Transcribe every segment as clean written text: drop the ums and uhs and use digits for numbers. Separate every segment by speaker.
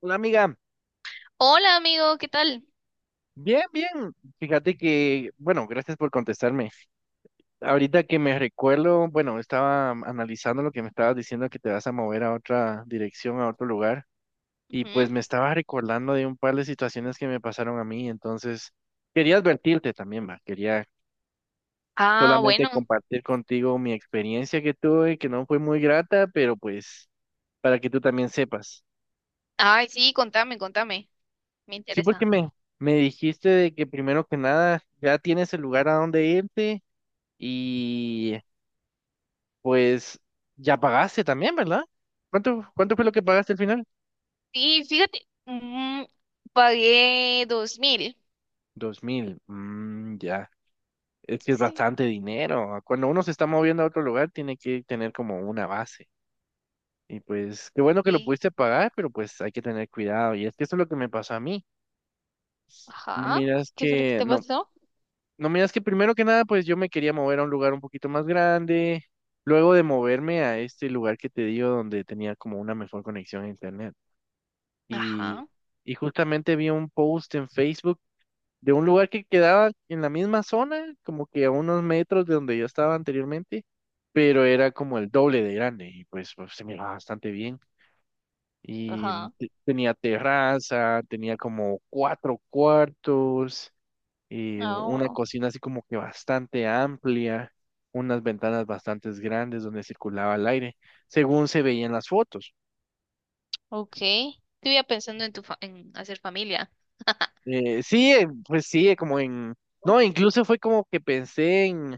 Speaker 1: Hola amiga,
Speaker 2: Hola amigo, ¿qué tal?
Speaker 1: bien, bien. Fíjate que, bueno, gracias por contestarme. Ahorita que me recuerdo, bueno, estaba analizando lo que me estabas diciendo que te vas a mover a otra dirección, a otro lugar, y pues
Speaker 2: Ujú.
Speaker 1: me estaba recordando de un par de situaciones que me pasaron a mí, entonces quería advertirte también, va. Quería
Speaker 2: Ah,
Speaker 1: solamente
Speaker 2: bueno.
Speaker 1: compartir contigo mi experiencia que tuve, que no fue muy grata, pero pues para que tú también sepas.
Speaker 2: Ay, sí, contame, contame. Me
Speaker 1: Sí, porque
Speaker 2: interesa.
Speaker 1: me dijiste de que primero que nada ya tienes el lugar a donde irte. Y pues ya pagaste también, ¿verdad? ¿Cuánto fue lo que pagaste al final?
Speaker 2: Sí, fíjate, pagué 2000.
Speaker 1: 2.000. Mm, ya. Es que es
Speaker 2: Sí.
Speaker 1: bastante dinero. Ah, cuando uno se está moviendo a otro lugar, tiene que tener como una base. Y pues, qué bueno que lo
Speaker 2: Sí.
Speaker 1: pudiste pagar, pero pues hay que tener cuidado. Y es que eso es lo que me pasó a mí. No
Speaker 2: Ajá.
Speaker 1: miras
Speaker 2: ¿Qué fue lo que
Speaker 1: que,
Speaker 2: te
Speaker 1: no,
Speaker 2: pasó?
Speaker 1: no miras que primero que nada, pues yo me quería mover a un lugar un poquito más grande. Luego de moverme a este lugar que te digo, donde tenía como una mejor conexión a internet. Y,
Speaker 2: Ajá,
Speaker 1: y justamente vi un post en Facebook de un lugar que quedaba en la misma zona, como que a unos metros de donde yo estaba anteriormente, pero era como el doble de grande y pues, pues, se miraba bastante bien. Y
Speaker 2: ajá.
Speaker 1: tenía terraza, tenía como cuatro cuartos, y
Speaker 2: Ah,
Speaker 1: una
Speaker 2: bueno.
Speaker 1: cocina así como que bastante amplia, unas ventanas bastante grandes donde circulaba el aire, según se veía en las fotos.
Speaker 2: Ok. Estuve pensando en hacer familia.
Speaker 1: Sí, pues sí, como en... No, incluso fue como que pensé en,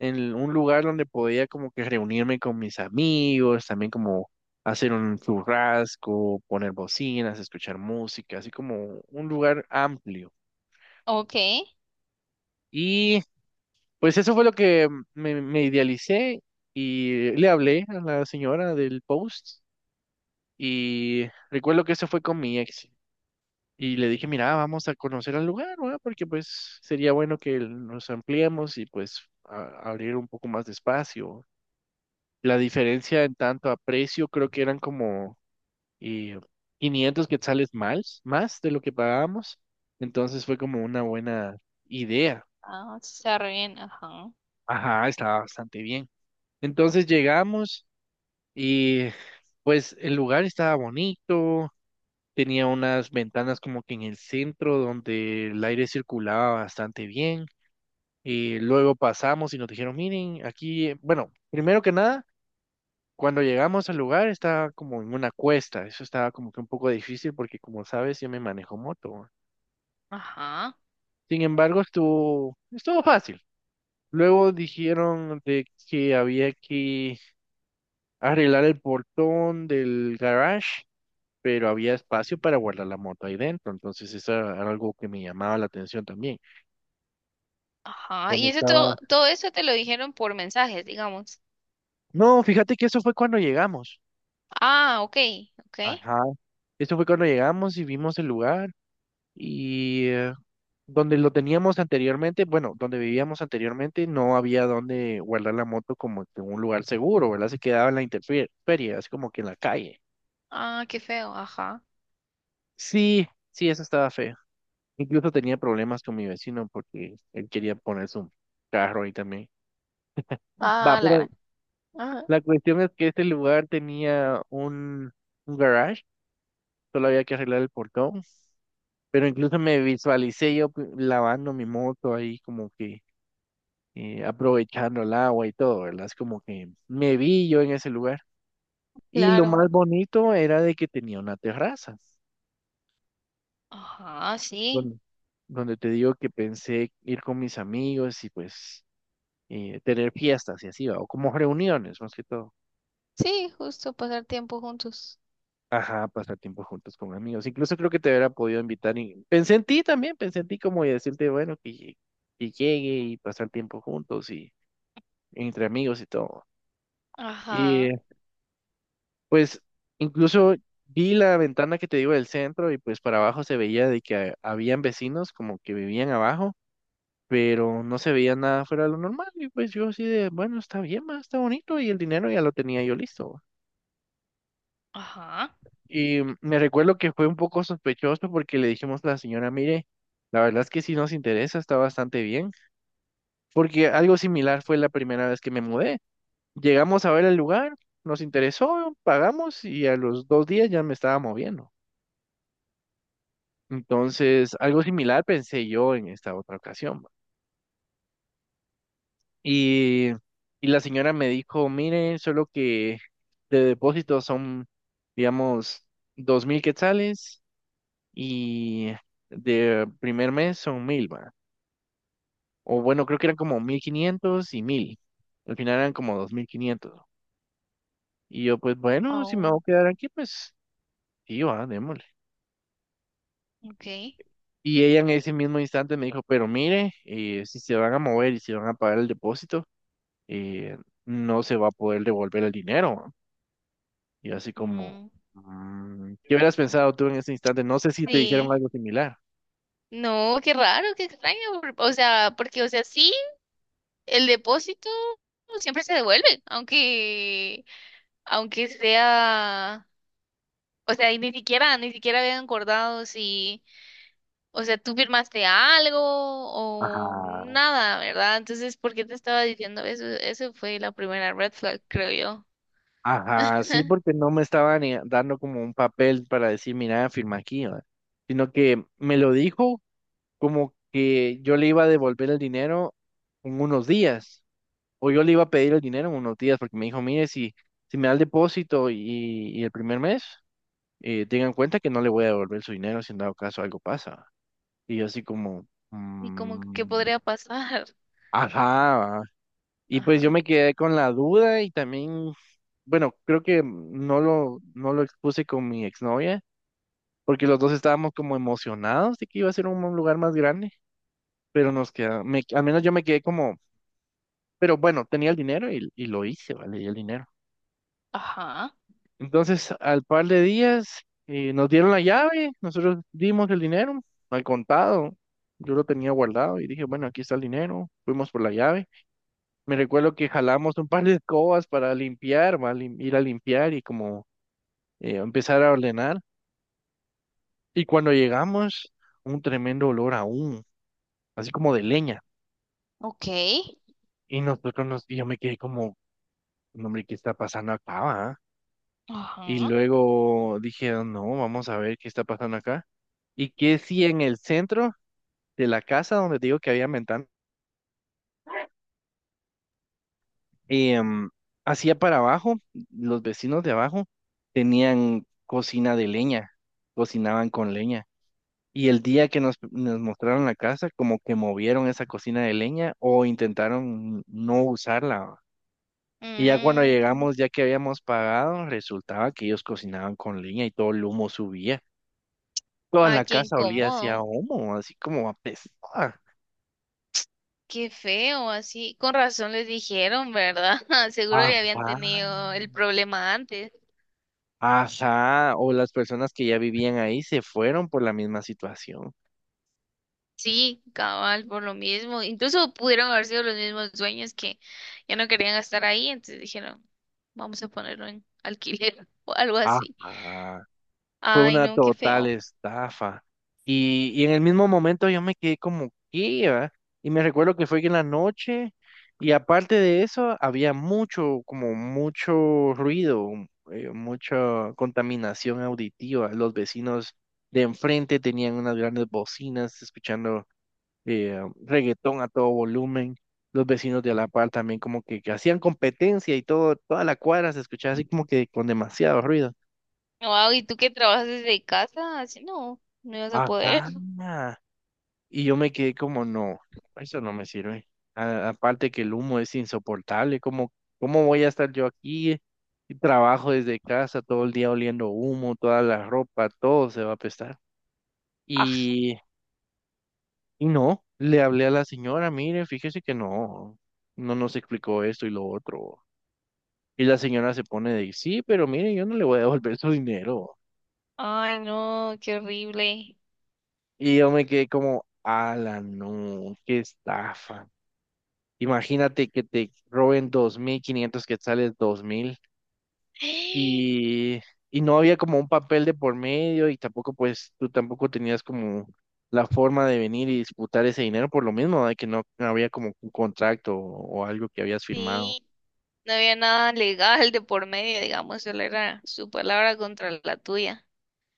Speaker 1: en un lugar donde podía como que reunirme con mis amigos, también como hacer un churrasco, poner bocinas, escuchar música, así como un lugar amplio.
Speaker 2: Ok.
Speaker 1: Y pues eso fue lo que me idealicé y le hablé a la señora del post y recuerdo que eso fue con mi ex. Y le dije, mira, vamos a conocer al lugar, ¿verdad? Porque pues sería bueno que nos ampliemos y pues abrir un poco más de espacio. La diferencia en tanto a precio creo que eran como eh, 500 quetzales más, más de lo que pagábamos. Entonces fue como una buena idea.
Speaker 2: Ah, sí, está re bien. Ajá.
Speaker 1: Ajá, estaba bastante bien. Entonces llegamos y pues el lugar estaba bonito, tenía unas ventanas como que en el centro donde el aire circulaba bastante bien. Y luego pasamos y nos dijeron, miren, aquí, bueno, primero que nada, cuando llegamos al lugar estaba como en una cuesta, eso estaba como que un poco difícil porque como sabes, yo me manejo moto, ¿va?
Speaker 2: Ajá.
Speaker 1: Sin embargo, estuvo, estuvo fácil. Luego dijeron de que había que arreglar el portón del garage, pero había espacio para guardar la moto ahí dentro, entonces eso era algo que me llamaba la atención también.
Speaker 2: Ajá.
Speaker 1: ¿Dónde
Speaker 2: Y eso todo,
Speaker 1: estaba?
Speaker 2: todo eso te lo dijeron por mensajes, digamos.
Speaker 1: No, fíjate que eso fue cuando llegamos.
Speaker 2: Ah, ok, ok.
Speaker 1: Ajá. Eso fue cuando llegamos y vimos el lugar y donde lo teníamos anteriormente, bueno, donde vivíamos anteriormente, no había donde guardar la moto como que en un lugar seguro, ¿verdad? Se quedaba en la intemperie, así como que en la calle.
Speaker 2: Ah, qué feo, ajá.
Speaker 1: Sí, sí, eso estaba feo. Incluso tenía problemas con mi vecino porque él quería poner su carro ahí también. Va,
Speaker 2: Ah, la
Speaker 1: pero
Speaker 2: gran. Ajá,
Speaker 1: la cuestión es que este lugar tenía un garage, solo había que arreglar el portón pero incluso me visualicé yo lavando mi moto ahí como que aprovechando el agua y todo, ¿verdad? Es como que me vi yo en ese lugar. Y lo
Speaker 2: claro.
Speaker 1: más bonito era de que tenía una terraza,
Speaker 2: Ajá, sí.
Speaker 1: donde, donde te digo que pensé ir con mis amigos y pues tener fiestas y así, ¿va? O como reuniones más que todo.
Speaker 2: Sí, justo pasar tiempo juntos.
Speaker 1: Ajá, pasar tiempo juntos con amigos. Incluso creo que te hubiera podido invitar y pensé en ti también, pensé en ti como y decirte, bueno, que llegue y pasar tiempo juntos y entre amigos y todo. Y
Speaker 2: Ajá,
Speaker 1: pues incluso vi la ventana que te digo del centro y pues para abajo se veía de que habían vecinos como que vivían abajo, pero no se veía nada fuera de lo normal. Y pues yo así de, bueno, está bien, ma, está bonito y el dinero ya lo tenía yo listo.
Speaker 2: ajá.
Speaker 1: Y me recuerdo que fue un poco sospechoso porque le dijimos a la señora, mire, la verdad es que sí nos interesa, está bastante bien, porque algo similar fue la primera vez que me mudé. Llegamos a ver el lugar, nos interesó, pagamos y a los 2 días ya me estaba moviendo. Entonces, algo similar pensé yo en esta otra ocasión, ¿va? Y, y la señora me dijo, mire, solo que de depósito son, digamos, 2.000 quetzales y de primer mes son mil, va. O bueno, creo que eran como 1.500 y mil. Al final eran como 2.500. Y yo, pues bueno, si me voy
Speaker 2: Oh.
Speaker 1: a quedar aquí, pues sí, va, démosle.
Speaker 2: Ok.
Speaker 1: Y ella en ese mismo instante me dijo, pero mire, si se van a mover y si van a pagar el depósito. eh, no se va a poder devolver el dinero, ¿no? Y así como,
Speaker 2: Mm,
Speaker 1: ¿qué hubieras pensado tú en ese instante? No sé si te dijeron
Speaker 2: sí.
Speaker 1: algo similar.
Speaker 2: No, qué raro, qué extraño. O sea, porque, o sea, sí, el depósito siempre se devuelve, aunque, aunque sea, o sea, y ni siquiera, ni siquiera habían acordado si. O sea, tú firmaste algo o
Speaker 1: Ajá,
Speaker 2: nada, ¿verdad? Entonces, ¿por qué te estaba diciendo eso? Eso fue la primera red flag, creo yo.
Speaker 1: ajá, sí, porque no me estaban dando como un papel para decir, mira, firma aquí, ¿va? Sino que me lo dijo como que yo le iba a devolver el dinero en unos días, o yo le iba a pedir el dinero en unos días, porque me dijo, mire, si, si me da el depósito y el primer mes, tengan en cuenta que no le voy a devolver su dinero si en dado caso algo pasa. Y yo así como,
Speaker 2: Y como que ¿qué
Speaker 1: mm,
Speaker 2: podría pasar?
Speaker 1: ajá. Y pues yo
Speaker 2: Ajá.
Speaker 1: me quedé con la duda y también, bueno, creo que no lo expuse con mi exnovia, porque los dos estábamos como emocionados de que iba a ser un lugar más grande, pero nos queda, me, al menos yo me quedé como, pero bueno, tenía el dinero y lo hice, ¿vale? Y el dinero.
Speaker 2: Ajá.
Speaker 1: Entonces, al par de días, nos dieron la llave, nosotros dimos el dinero al contado, yo lo tenía guardado y dije, bueno, aquí está el dinero, fuimos por la llave. Me recuerdo que jalamos un par de escobas para limpiar, va, lim- ir a limpiar y como empezar a ordenar. Y cuando llegamos, un tremendo olor aún, así como de leña.
Speaker 2: Ok.
Speaker 1: Y y yo me quedé como, "No, hombre, ¿qué está pasando acá, va?". Y
Speaker 2: Ajá.
Speaker 1: luego dije, no, vamos a ver qué está pasando acá. Y que si en el centro de la casa donde te digo que había ventana, em, hacia para abajo, los vecinos de abajo tenían cocina de leña, cocinaban con leña. Y el día que nos mostraron la casa, como que movieron esa cocina de leña o intentaron no usarla, ¿va? Y ya cuando
Speaker 2: Mm,
Speaker 1: llegamos, ya que habíamos pagado, resultaba que ellos cocinaban con leña y todo el humo subía. Toda
Speaker 2: ay,
Speaker 1: la
Speaker 2: qué
Speaker 1: casa olía hacia
Speaker 2: incómodo.
Speaker 1: humo, así como apestaba.
Speaker 2: Qué feo, así. Con razón les dijeron, ¿verdad? Seguro
Speaker 1: Ah,
Speaker 2: ya habían
Speaker 1: vaya.
Speaker 2: tenido el problema antes.
Speaker 1: Ajá, o las personas que ya vivían ahí se fueron por la misma situación.
Speaker 2: Sí, cabal, por lo mismo. Incluso pudieron haber sido los mismos dueños que ya no querían estar ahí, entonces dijeron, vamos a ponerlo en alquiler o algo así.
Speaker 1: Ajá. Fue
Speaker 2: Ay,
Speaker 1: una
Speaker 2: no, qué
Speaker 1: total
Speaker 2: feo.
Speaker 1: estafa. Y en el mismo momento yo me quedé como, ¿qué, va? Y me recuerdo que fue en la noche y aparte de eso había mucho, como mucho ruido, mucha contaminación auditiva. Los vecinos de enfrente tenían unas grandes bocinas escuchando eh, reggaetón a todo volumen. Los vecinos de la par también como que hacían competencia y todo, toda la cuadra se escuchaba así como que con demasiado ruido.
Speaker 2: Wow, ¿y tú que trabajas desde casa? Así no, no ibas a poder.
Speaker 1: Ajá. Y yo me quedé como, no, eso no me sirve. Aparte que el humo es insoportable, ¿cómo voy a estar yo aquí? Y trabajo desde casa todo el día oliendo humo, toda la ropa, todo se va a apestar.
Speaker 2: Aj,
Speaker 1: Y, y no, le hablé a la señora, mire, fíjese que no nos explicó esto y lo otro. Y la señora se pone de, sí, pero mire, yo no le voy a devolver su dinero.
Speaker 2: ay, no, qué horrible.
Speaker 1: Y yo me quedé como, ala, no, qué estafa. Imagínate que te roben 2.500 quetzales, 2.000 y, y no había como un papel de por medio y tampoco pues tú tampoco tenías como la forma de venir y disputar ese dinero por lo mismo, de que no no había como un contrato o algo que habías firmado.
Speaker 2: Sí, no había nada legal de por medio, digamos, solo era su palabra contra la tuya.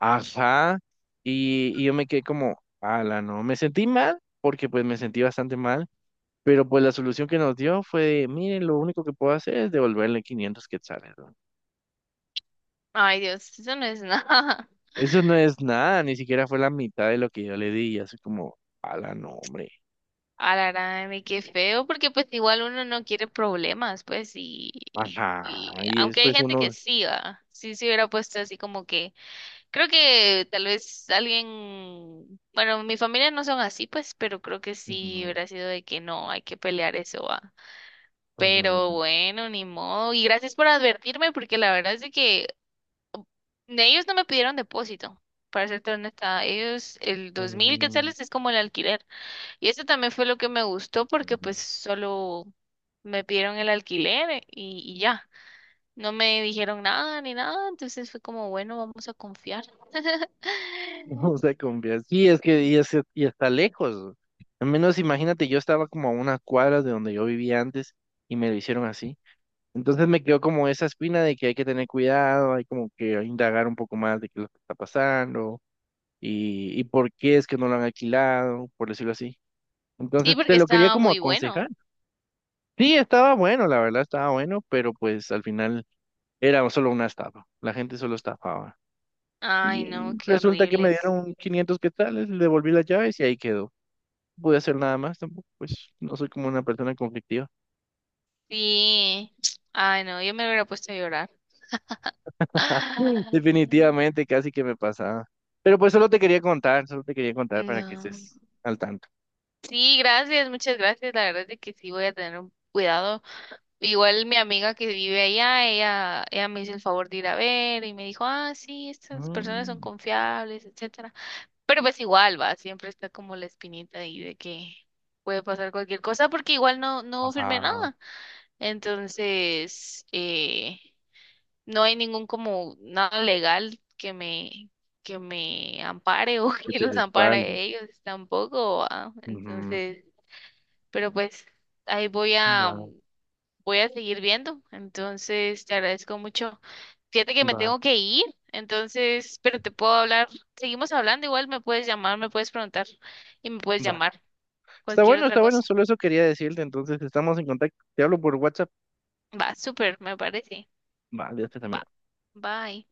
Speaker 1: Ajá, y yo me quedé como, ala, no, me sentí mal porque pues me sentí bastante mal, pero pues la solución que nos dio fue, miren, lo único que puedo hacer es devolverle 500 quetzales, ¿no?
Speaker 2: Ay, Dios, eso no es nada.
Speaker 1: Eso no es nada, ni siquiera fue la mitad de lo que yo le di, y así como, ala, no, hombre.
Speaker 2: A la gran, y qué feo, porque pues igual uno no quiere problemas, pues, y,
Speaker 1: Ajá,
Speaker 2: y
Speaker 1: y
Speaker 2: aunque hay
Speaker 1: después
Speaker 2: gente que
Speaker 1: uno...
Speaker 2: sí, va, sí se hubiera puesto así como que, creo que tal vez alguien, bueno, mi familia no son así, pues, pero creo que sí
Speaker 1: Ujú,
Speaker 2: hubiera sido de que no, hay que pelear eso, va. Pero
Speaker 1: ujú,
Speaker 2: bueno, ni modo, y gracias por advertirme, porque la verdad es de que ellos no me pidieron depósito, para serte honesta, ellos, el
Speaker 1: ujú,
Speaker 2: 2000
Speaker 1: ujú.
Speaker 2: quetzales es como el alquiler. Y eso también fue lo que me gustó porque pues solo me pidieron el alquiler y ya, no me dijeron nada ni nada, entonces fue como, bueno, vamos a confiar.
Speaker 1: No se confía. Sí, es- que- y está lejos. Al menos imagínate, yo estaba como a una cuadra de donde yo vivía antes y me lo hicieron así. Entonces me quedó como esa espina de que hay que tener cuidado, hay como que indagar un poco más de qué es lo que está pasando y por qué es que no lo han alquilado, por decirlo así.
Speaker 2: Sí,
Speaker 1: Entonces te
Speaker 2: porque
Speaker 1: lo quería
Speaker 2: estaba
Speaker 1: como
Speaker 2: muy
Speaker 1: aconsejar.
Speaker 2: bueno.
Speaker 1: Sí, estaba bueno, la verdad estaba bueno, pero pues al final era solo una estafa. La gente solo estafaba.
Speaker 2: Ay,
Speaker 1: Y
Speaker 2: no, qué
Speaker 1: resulta que me
Speaker 2: horribles.
Speaker 1: dieron 500 quetzales, le devolví las llaves y ahí quedó. No pude hacer nada más tampoco, pues no soy como una persona conflictiva.
Speaker 2: Sí, ay, no, yo me hubiera puesto a llorar.
Speaker 1: Mm.
Speaker 2: Ah,
Speaker 1: Definitivamente casi que me pasaba. Pero pues solo te quería contar, solo te quería contar para que
Speaker 2: no.
Speaker 1: estés al tanto.
Speaker 2: Sí, gracias, muchas gracias. La verdad es de que sí voy a tener un cuidado. Igual mi amiga que vive allá, ella me hizo el favor de ir a ver y me dijo, ah, sí, estas personas son
Speaker 1: Mm,
Speaker 2: confiables, etcétera. Pero pues igual va, siempre está como la espinita ahí de que puede pasar cualquier cosa porque igual no, no firmé
Speaker 1: ajá,
Speaker 2: nada. Entonces, no hay ningún como nada legal que me ampare o
Speaker 1: que
Speaker 2: que
Speaker 1: te
Speaker 2: los ampare a
Speaker 1: respalde.
Speaker 2: ellos tampoco, ¿va?
Speaker 1: Ujú,
Speaker 2: Entonces, pero pues ahí voy a
Speaker 1: va,
Speaker 2: voy a seguir viendo. Entonces, te agradezco mucho. Fíjate que me
Speaker 1: va,
Speaker 2: tengo que ir, entonces, pero te puedo hablar. Seguimos hablando, igual me puedes llamar, me puedes preguntar y me puedes
Speaker 1: va.
Speaker 2: llamar cualquier otra
Speaker 1: Está bueno,
Speaker 2: cosa.
Speaker 1: solo eso quería decirte. Entonces, estamos en contacto. Te hablo por WhatsApp.
Speaker 2: Va, súper, me parece.
Speaker 1: Vale, hasta
Speaker 2: Va,
Speaker 1: también.
Speaker 2: bye.